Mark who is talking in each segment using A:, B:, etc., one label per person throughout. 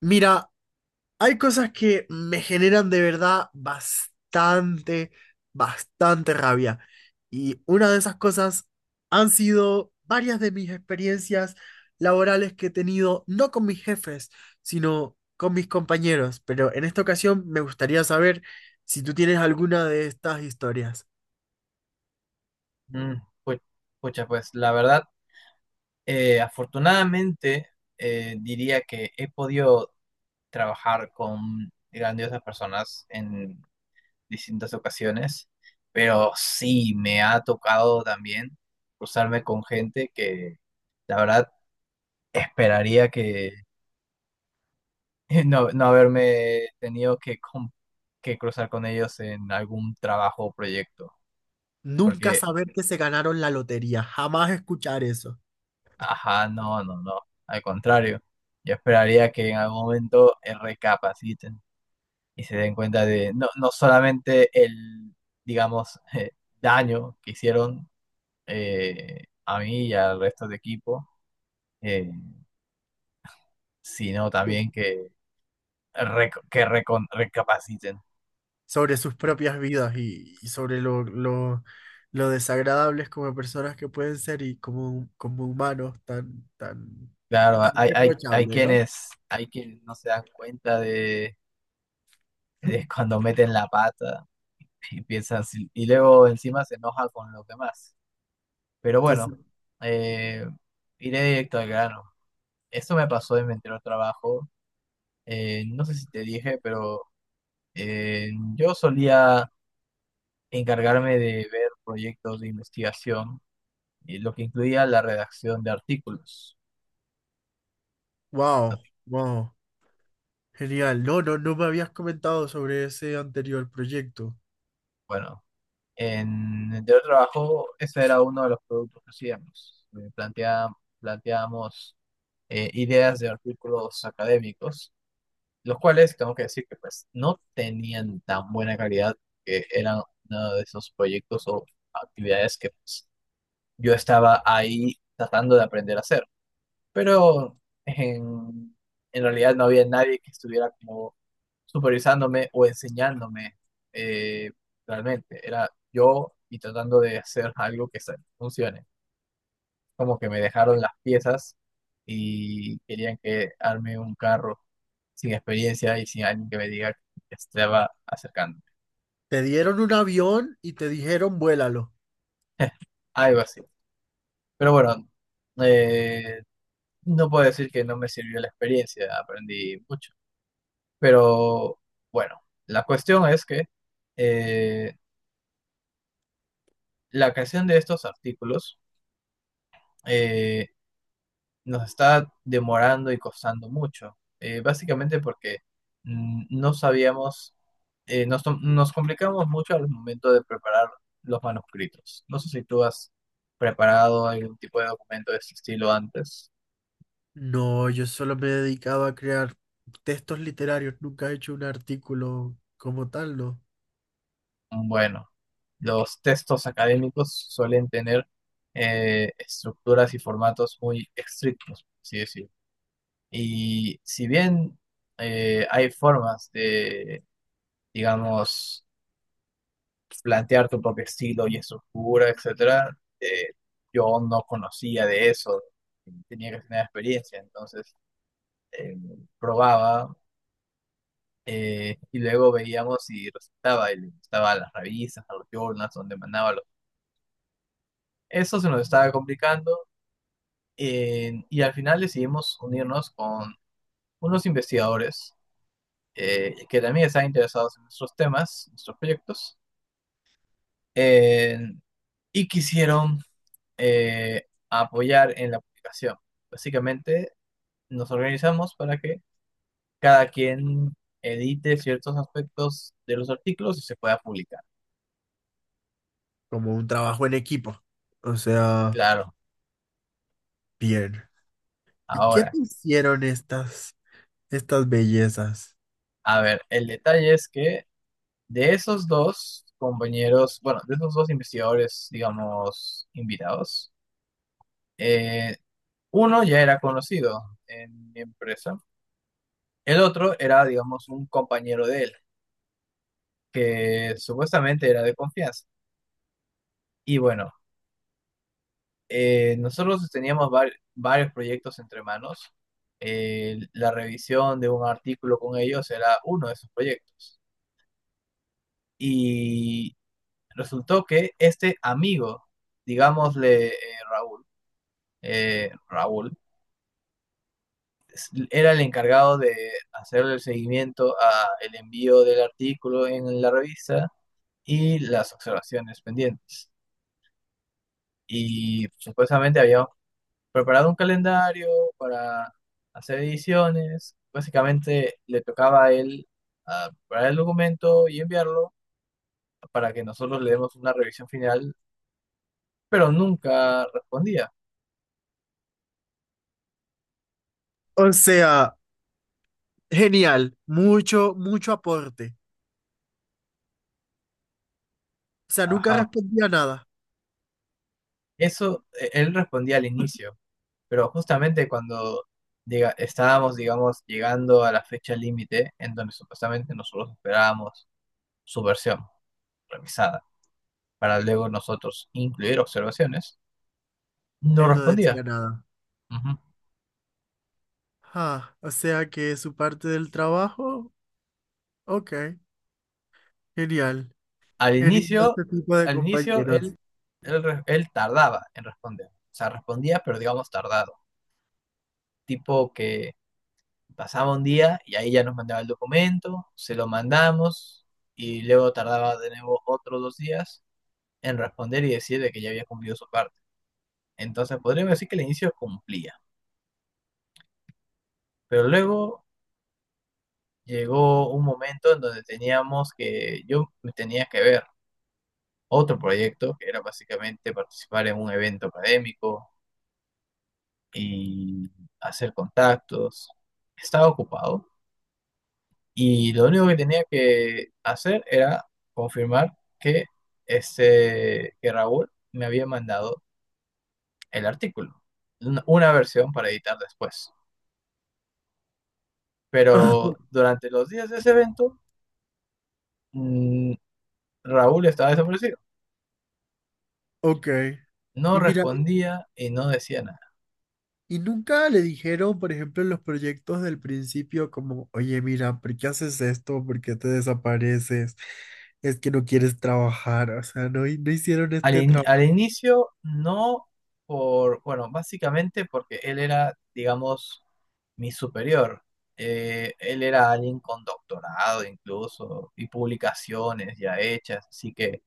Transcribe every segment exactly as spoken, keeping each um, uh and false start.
A: Mira, hay cosas que me generan de verdad bastante, bastante rabia. Y una de esas cosas han sido varias de mis experiencias laborales que he tenido, no con mis jefes, sino con mis compañeros. Pero en esta ocasión me gustaría saber si tú tienes alguna de estas historias.
B: Mm, pu- Pucha, pues la verdad, eh, afortunadamente eh, diría que he podido trabajar con grandiosas personas en distintas ocasiones, pero sí me ha tocado también cruzarme con gente que la verdad esperaría que no, no haberme tenido que, com- que cruzar con ellos en algún trabajo o proyecto,
A: Nunca
B: porque.
A: saber que se ganaron la lotería, jamás escuchar eso.
B: Ajá, no, no, no. Al contrario, yo esperaría que en algún momento eh, recapaciten y se den cuenta de no, no solamente el, digamos, eh, daño que hicieron, eh, a mí y al resto de equipo, eh, sino también que, rec- que recon- recapaciten.
A: Sobre sus propias vidas y, y sobre lo, lo, lo desagradables como personas que pueden ser y como, como humanos tan, tan,
B: Claro,
A: tan
B: hay, hay, hay
A: reprochable, ¿no?
B: quienes, hay quienes no se dan cuenta de, de cuando meten la pata y piensan, si- y luego encima se enojan con los demás. Pero
A: Entonces,
B: bueno, eh, iré directo al grano. Eso me pasó en mi anterior trabajo. Eh, no sé si te dije, pero eh, yo solía encargarme de ver proyectos de investigación, y lo que incluía la redacción de artículos.
A: wow, wow, genial. No, no, no me habías comentado sobre ese anterior proyecto.
B: Bueno, en mi anterior trabajo ese era uno de los productos que hacíamos. Eh, plantea- planteábamos eh, ideas de artículos académicos los cuales tengo que decir que pues no tenían tan buena calidad, que eran uno de esos proyectos o actividades que pues, yo estaba ahí tratando de aprender a hacer, pero en, en realidad no había nadie que estuviera como supervisándome o enseñándome, eh, realmente, era yo y tratando de hacer algo que se- funcione, como que me dejaron las piezas y querían que arme un carro sin experiencia y sin alguien que me diga que estaba acercando.
A: Te dieron un avión y te dijeron, vuélalo.
B: Algo así. Pero bueno, eh, no puedo decir que no me sirvió la experiencia, aprendí mucho. Pero bueno, la cuestión es que eh, la creación de estos artículos, eh, nos está demorando y costando mucho, eh, básicamente porque, mm, no sabíamos, eh, nos, tom- nos complicamos mucho al momento de preparar los manuscritos. No sé si tú has preparado algún tipo de documento de este estilo antes.
A: No, yo solo me he dedicado a crear textos literarios, nunca he hecho un artículo como tal, ¿no?
B: Bueno, los textos académicos suelen tener eh, estructuras y formatos muy estrictos, por así decirlo. Y si bien eh, hay formas de, digamos, plantear tu propio estilo y estructura, etcétera, eh, yo no conocía de eso, tenía que tener experiencia, entonces eh, probaba, eh, y luego veíamos si resultaba, y le gustaba a las revistas, a los journals donde mandaba los... Eso se nos estaba complicando, eh, y al final decidimos unirnos con unos investigadores eh, que también estaban interesados en nuestros temas, nuestros proyectos, eh, y quisieron eh, a apoyar en la publicación. Básicamente nos organizamos para que cada quien edite ciertos aspectos de los artículos y se pueda publicar.
A: Como un trabajo en equipo. O sea,
B: Claro,
A: bien. ¿Y qué
B: ahora,
A: te hicieron estas, estas bellezas?
B: a ver, el detalle es que de esos dos compañeros, bueno, de esos dos investigadores, digamos, invitados, eh, uno ya era conocido en mi empresa, el otro era, digamos, un compañero de él, que supuestamente era de confianza. Y bueno, Eh, nosotros teníamos var- varios proyectos entre manos. Eh, la revisión de un artículo con ellos era uno de esos proyectos. Y resultó que este amigo, digámosle eh, Raúl, eh, Raúl, es- era el encargado de hacerle el seguimiento a el envío del artículo en la revista y las observaciones pendientes. Y supuestamente habíamos preparado un calendario para hacer ediciones. Básicamente le tocaba a él ah, preparar el documento y enviarlo para que nosotros le demos una revisión final, pero nunca respondía.
A: O sea, genial, mucho, mucho aporte. O sea, nunca
B: Ajá.
A: respondía nada.
B: Eso eh, él respondía al inicio, pero justamente cuando diga, estábamos, digamos, llegando a la fecha límite en donde supuestamente nosotros esperábamos su versión revisada para luego nosotros incluir observaciones, no
A: Él no
B: respondía.
A: decía nada.
B: Ujú.
A: Ah, o sea que su parte del trabajo, ok, genial.
B: Al
A: Genial
B: inicio,
A: este tipo de
B: al inicio
A: compañeros.
B: él, él, re- él tardaba en responder. O sea, respondía, pero digamos tardado. Tipo que pasaba un día y ahí ya nos mandaba el documento, se lo mandamos y luego tardaba de nuevo otros dos días en responder y decir de que ya había cumplido su parte. Entonces podríamos decir que al inicio cumplía, pero luego llegó un momento en donde teníamos que, yo me tenía que ver otro proyecto que era básicamente participar en un evento académico y hacer contactos. Estaba ocupado y lo único que tenía que hacer era confirmar que, este, que Raúl me había mandado el artículo, una, una versión para editar después. Pero durante los días de ese evento, mm, Raúl estaba desaparecido.
A: Ok.
B: No
A: Y mira,
B: respondía y no decía nada.
A: y nunca le dijeron, por ejemplo, en los proyectos del principio, como, oye, mira, ¿por qué haces esto? ¿Por qué te desapareces? Es que no quieres trabajar. O sea, no, hi- no hicieron
B: Al,
A: este
B: in-
A: trabajo.
B: al inicio no por, bueno, básicamente porque él era, digamos, mi superior. Eh, él era alguien con doctorado incluso y publicaciones ya hechas, así que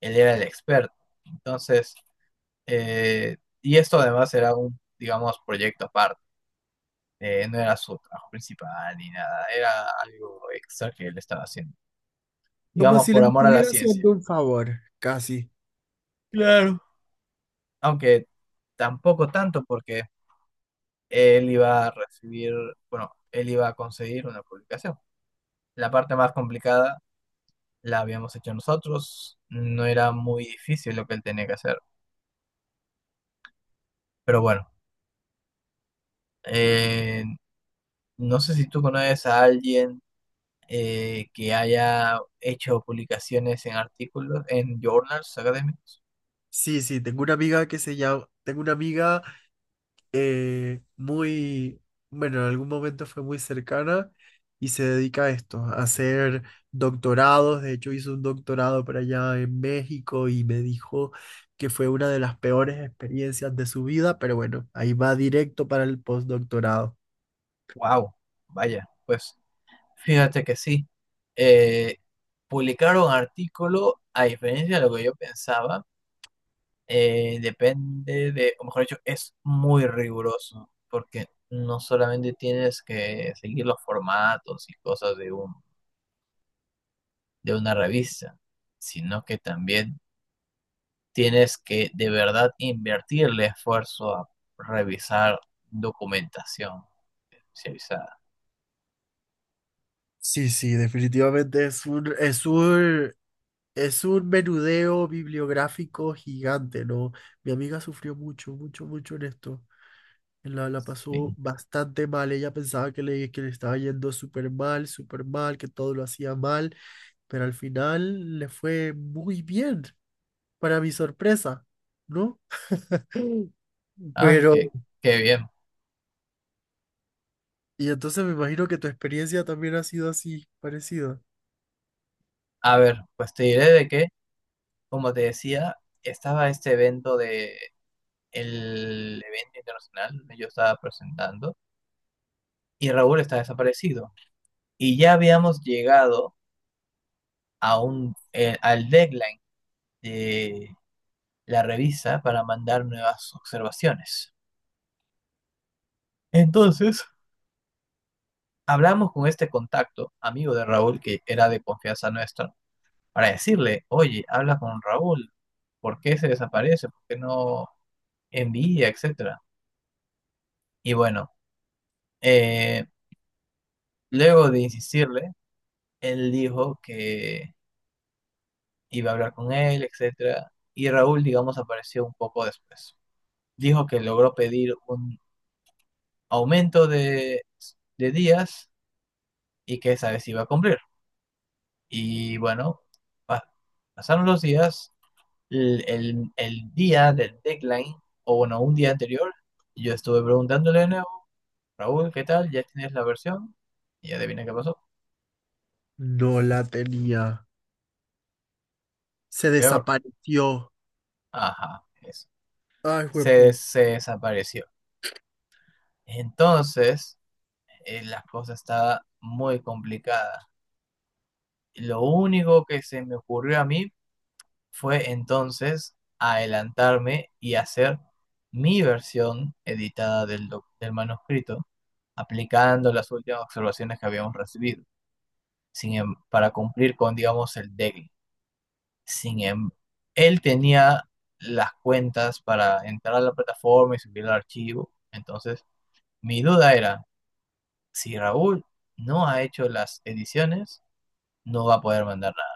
B: él era el experto. Entonces, eh, y esto además era un, digamos, proyecto aparte. Eh, no era su trabajo principal ni nada, era algo extra que él estaba haciendo,
A: Como
B: digamos,
A: si
B: por
A: les
B: amor a la
A: estuviera
B: ciencia.
A: haciendo un favor, casi.
B: Claro. Aunque tampoco tanto porque... él iba a recibir, bueno, él iba a conseguir una publicación. La parte más complicada la habíamos hecho nosotros, no era muy difícil lo que él tenía que hacer. Pero bueno, eh, no sé si tú conoces a alguien eh, que haya hecho publicaciones en artículos, en journals académicos.
A: Sí, sí, tengo una amiga que se llama, tengo una amiga eh, muy, bueno, en algún momento fue muy cercana y se dedica a esto, a hacer doctorados. De hecho, hizo un doctorado por allá en México y me dijo que fue una de las peores experiencias de su vida, pero bueno, ahí va directo para el postdoctorado.
B: Wow, vaya, pues fíjate que sí. Eh, publicar un artículo, a diferencia de lo que yo pensaba, Eh, depende de, o mejor dicho, es muy riguroso, porque no solamente tienes que seguir los formatos y cosas de un, de una revista, sino que también tienes que de verdad invertirle esfuerzo a revisar documentación especializada.
A: Sí, sí, definitivamente es un, es un, es un menudeo bibliográfico gigante, ¿no? Mi amiga sufrió mucho, mucho, mucho en esto. La, la pasó
B: Sí.
A: bastante mal. Ella pensaba que le, que le estaba yendo súper mal, súper mal, que todo lo hacía mal, pero al final le fue muy bien, para mi sorpresa, ¿no?
B: Ah,
A: Pero,
B: qué, qué bien.
A: y entonces me imagino que tu experiencia también ha sido así, parecida.
B: A ver, pues te diré de que, como te decía, estaba este evento de el evento internacional, yo estaba presentando. Y Raúl está desaparecido. Y ya habíamos llegado a un, eh, al deadline de la revista para mandar nuevas observaciones. Entonces, hablamos con este contacto, amigo de Raúl, que era de confianza nuestra, para decirle, oye, habla con Raúl, ¿por qué se desaparece? ¿Por qué no envía, etcétera? Y bueno, eh, luego de insistirle, él dijo que iba a hablar con él, etcétera, y Raúl, digamos, apareció un poco después. Dijo que logró pedir un aumento de, de días y que esa vez iba a cumplir. Y bueno, pa- pasaron los días, el, el- el día del deadline, o bueno, un día anterior, yo estuve preguntándole de nuevo, Raúl, ¿qué tal? ¿Ya tienes la versión? Y adivina qué pasó.
A: No la tenía. Se
B: Peor.
A: desapareció.
B: Ajá, eso.
A: Ay, juepu.
B: Se, se desapareció. Entonces, eh, la cosa estaba muy complicada. Lo único que se me ocurrió a mí fue entonces adelantarme y hacer mi versión editada del, doc- del manuscrito, aplicando las últimas observaciones que habíamos recibido, sin, em- para cumplir con, digamos, el deadline. Sin em- Él tenía las cuentas para entrar a la plataforma y subir el archivo. Entonces, mi duda era, si Raúl no ha hecho las ediciones, no va a poder mandar nada.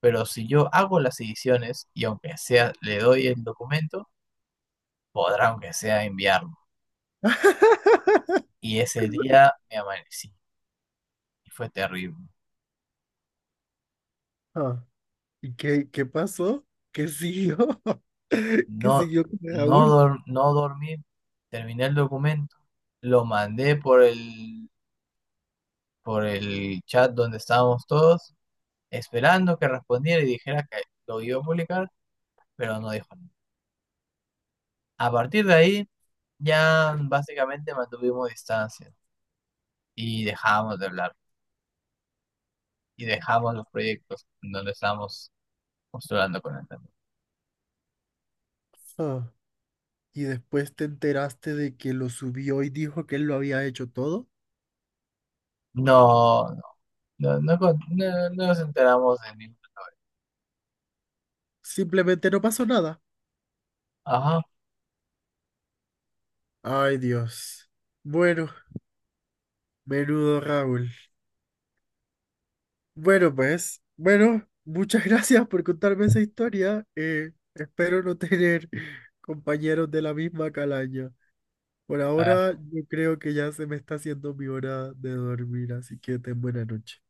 B: Pero si yo hago las ediciones y aunque sea le doy el documento, podrá aunque sea enviarlo. Y ese día me amanecí y fue terrible.
A: Ah, ¿y qué, qué pasó? ¿Qué siguió? ¿Qué
B: No,
A: siguió con
B: no,
A: Raúl?
B: dor- no dormí, terminé el documento, lo mandé por el, por el chat donde estábamos todos, esperando que respondiera y dijera que lo iba a publicar, pero no dijo nada. A partir de ahí ya básicamente mantuvimos distancia y dejamos de hablar y dejamos los proyectos en donde estábamos postulando con él. También.
A: Ah, y después te enteraste de que lo subió y dijo que él lo había hecho todo,
B: No, No, no, con- no, no nos enteramos de ningún.
A: simplemente no pasó nada.
B: Ajá,
A: Ay, Dios. Bueno, menudo Raúl. Bueno, pues, bueno, muchas gracias por contarme esa historia. Eh, espero no tener compañeros de la misma calaña. Por
B: a
A: ahora, yo creo que ya se me está haciendo mi hora de dormir, así que ten buena noche.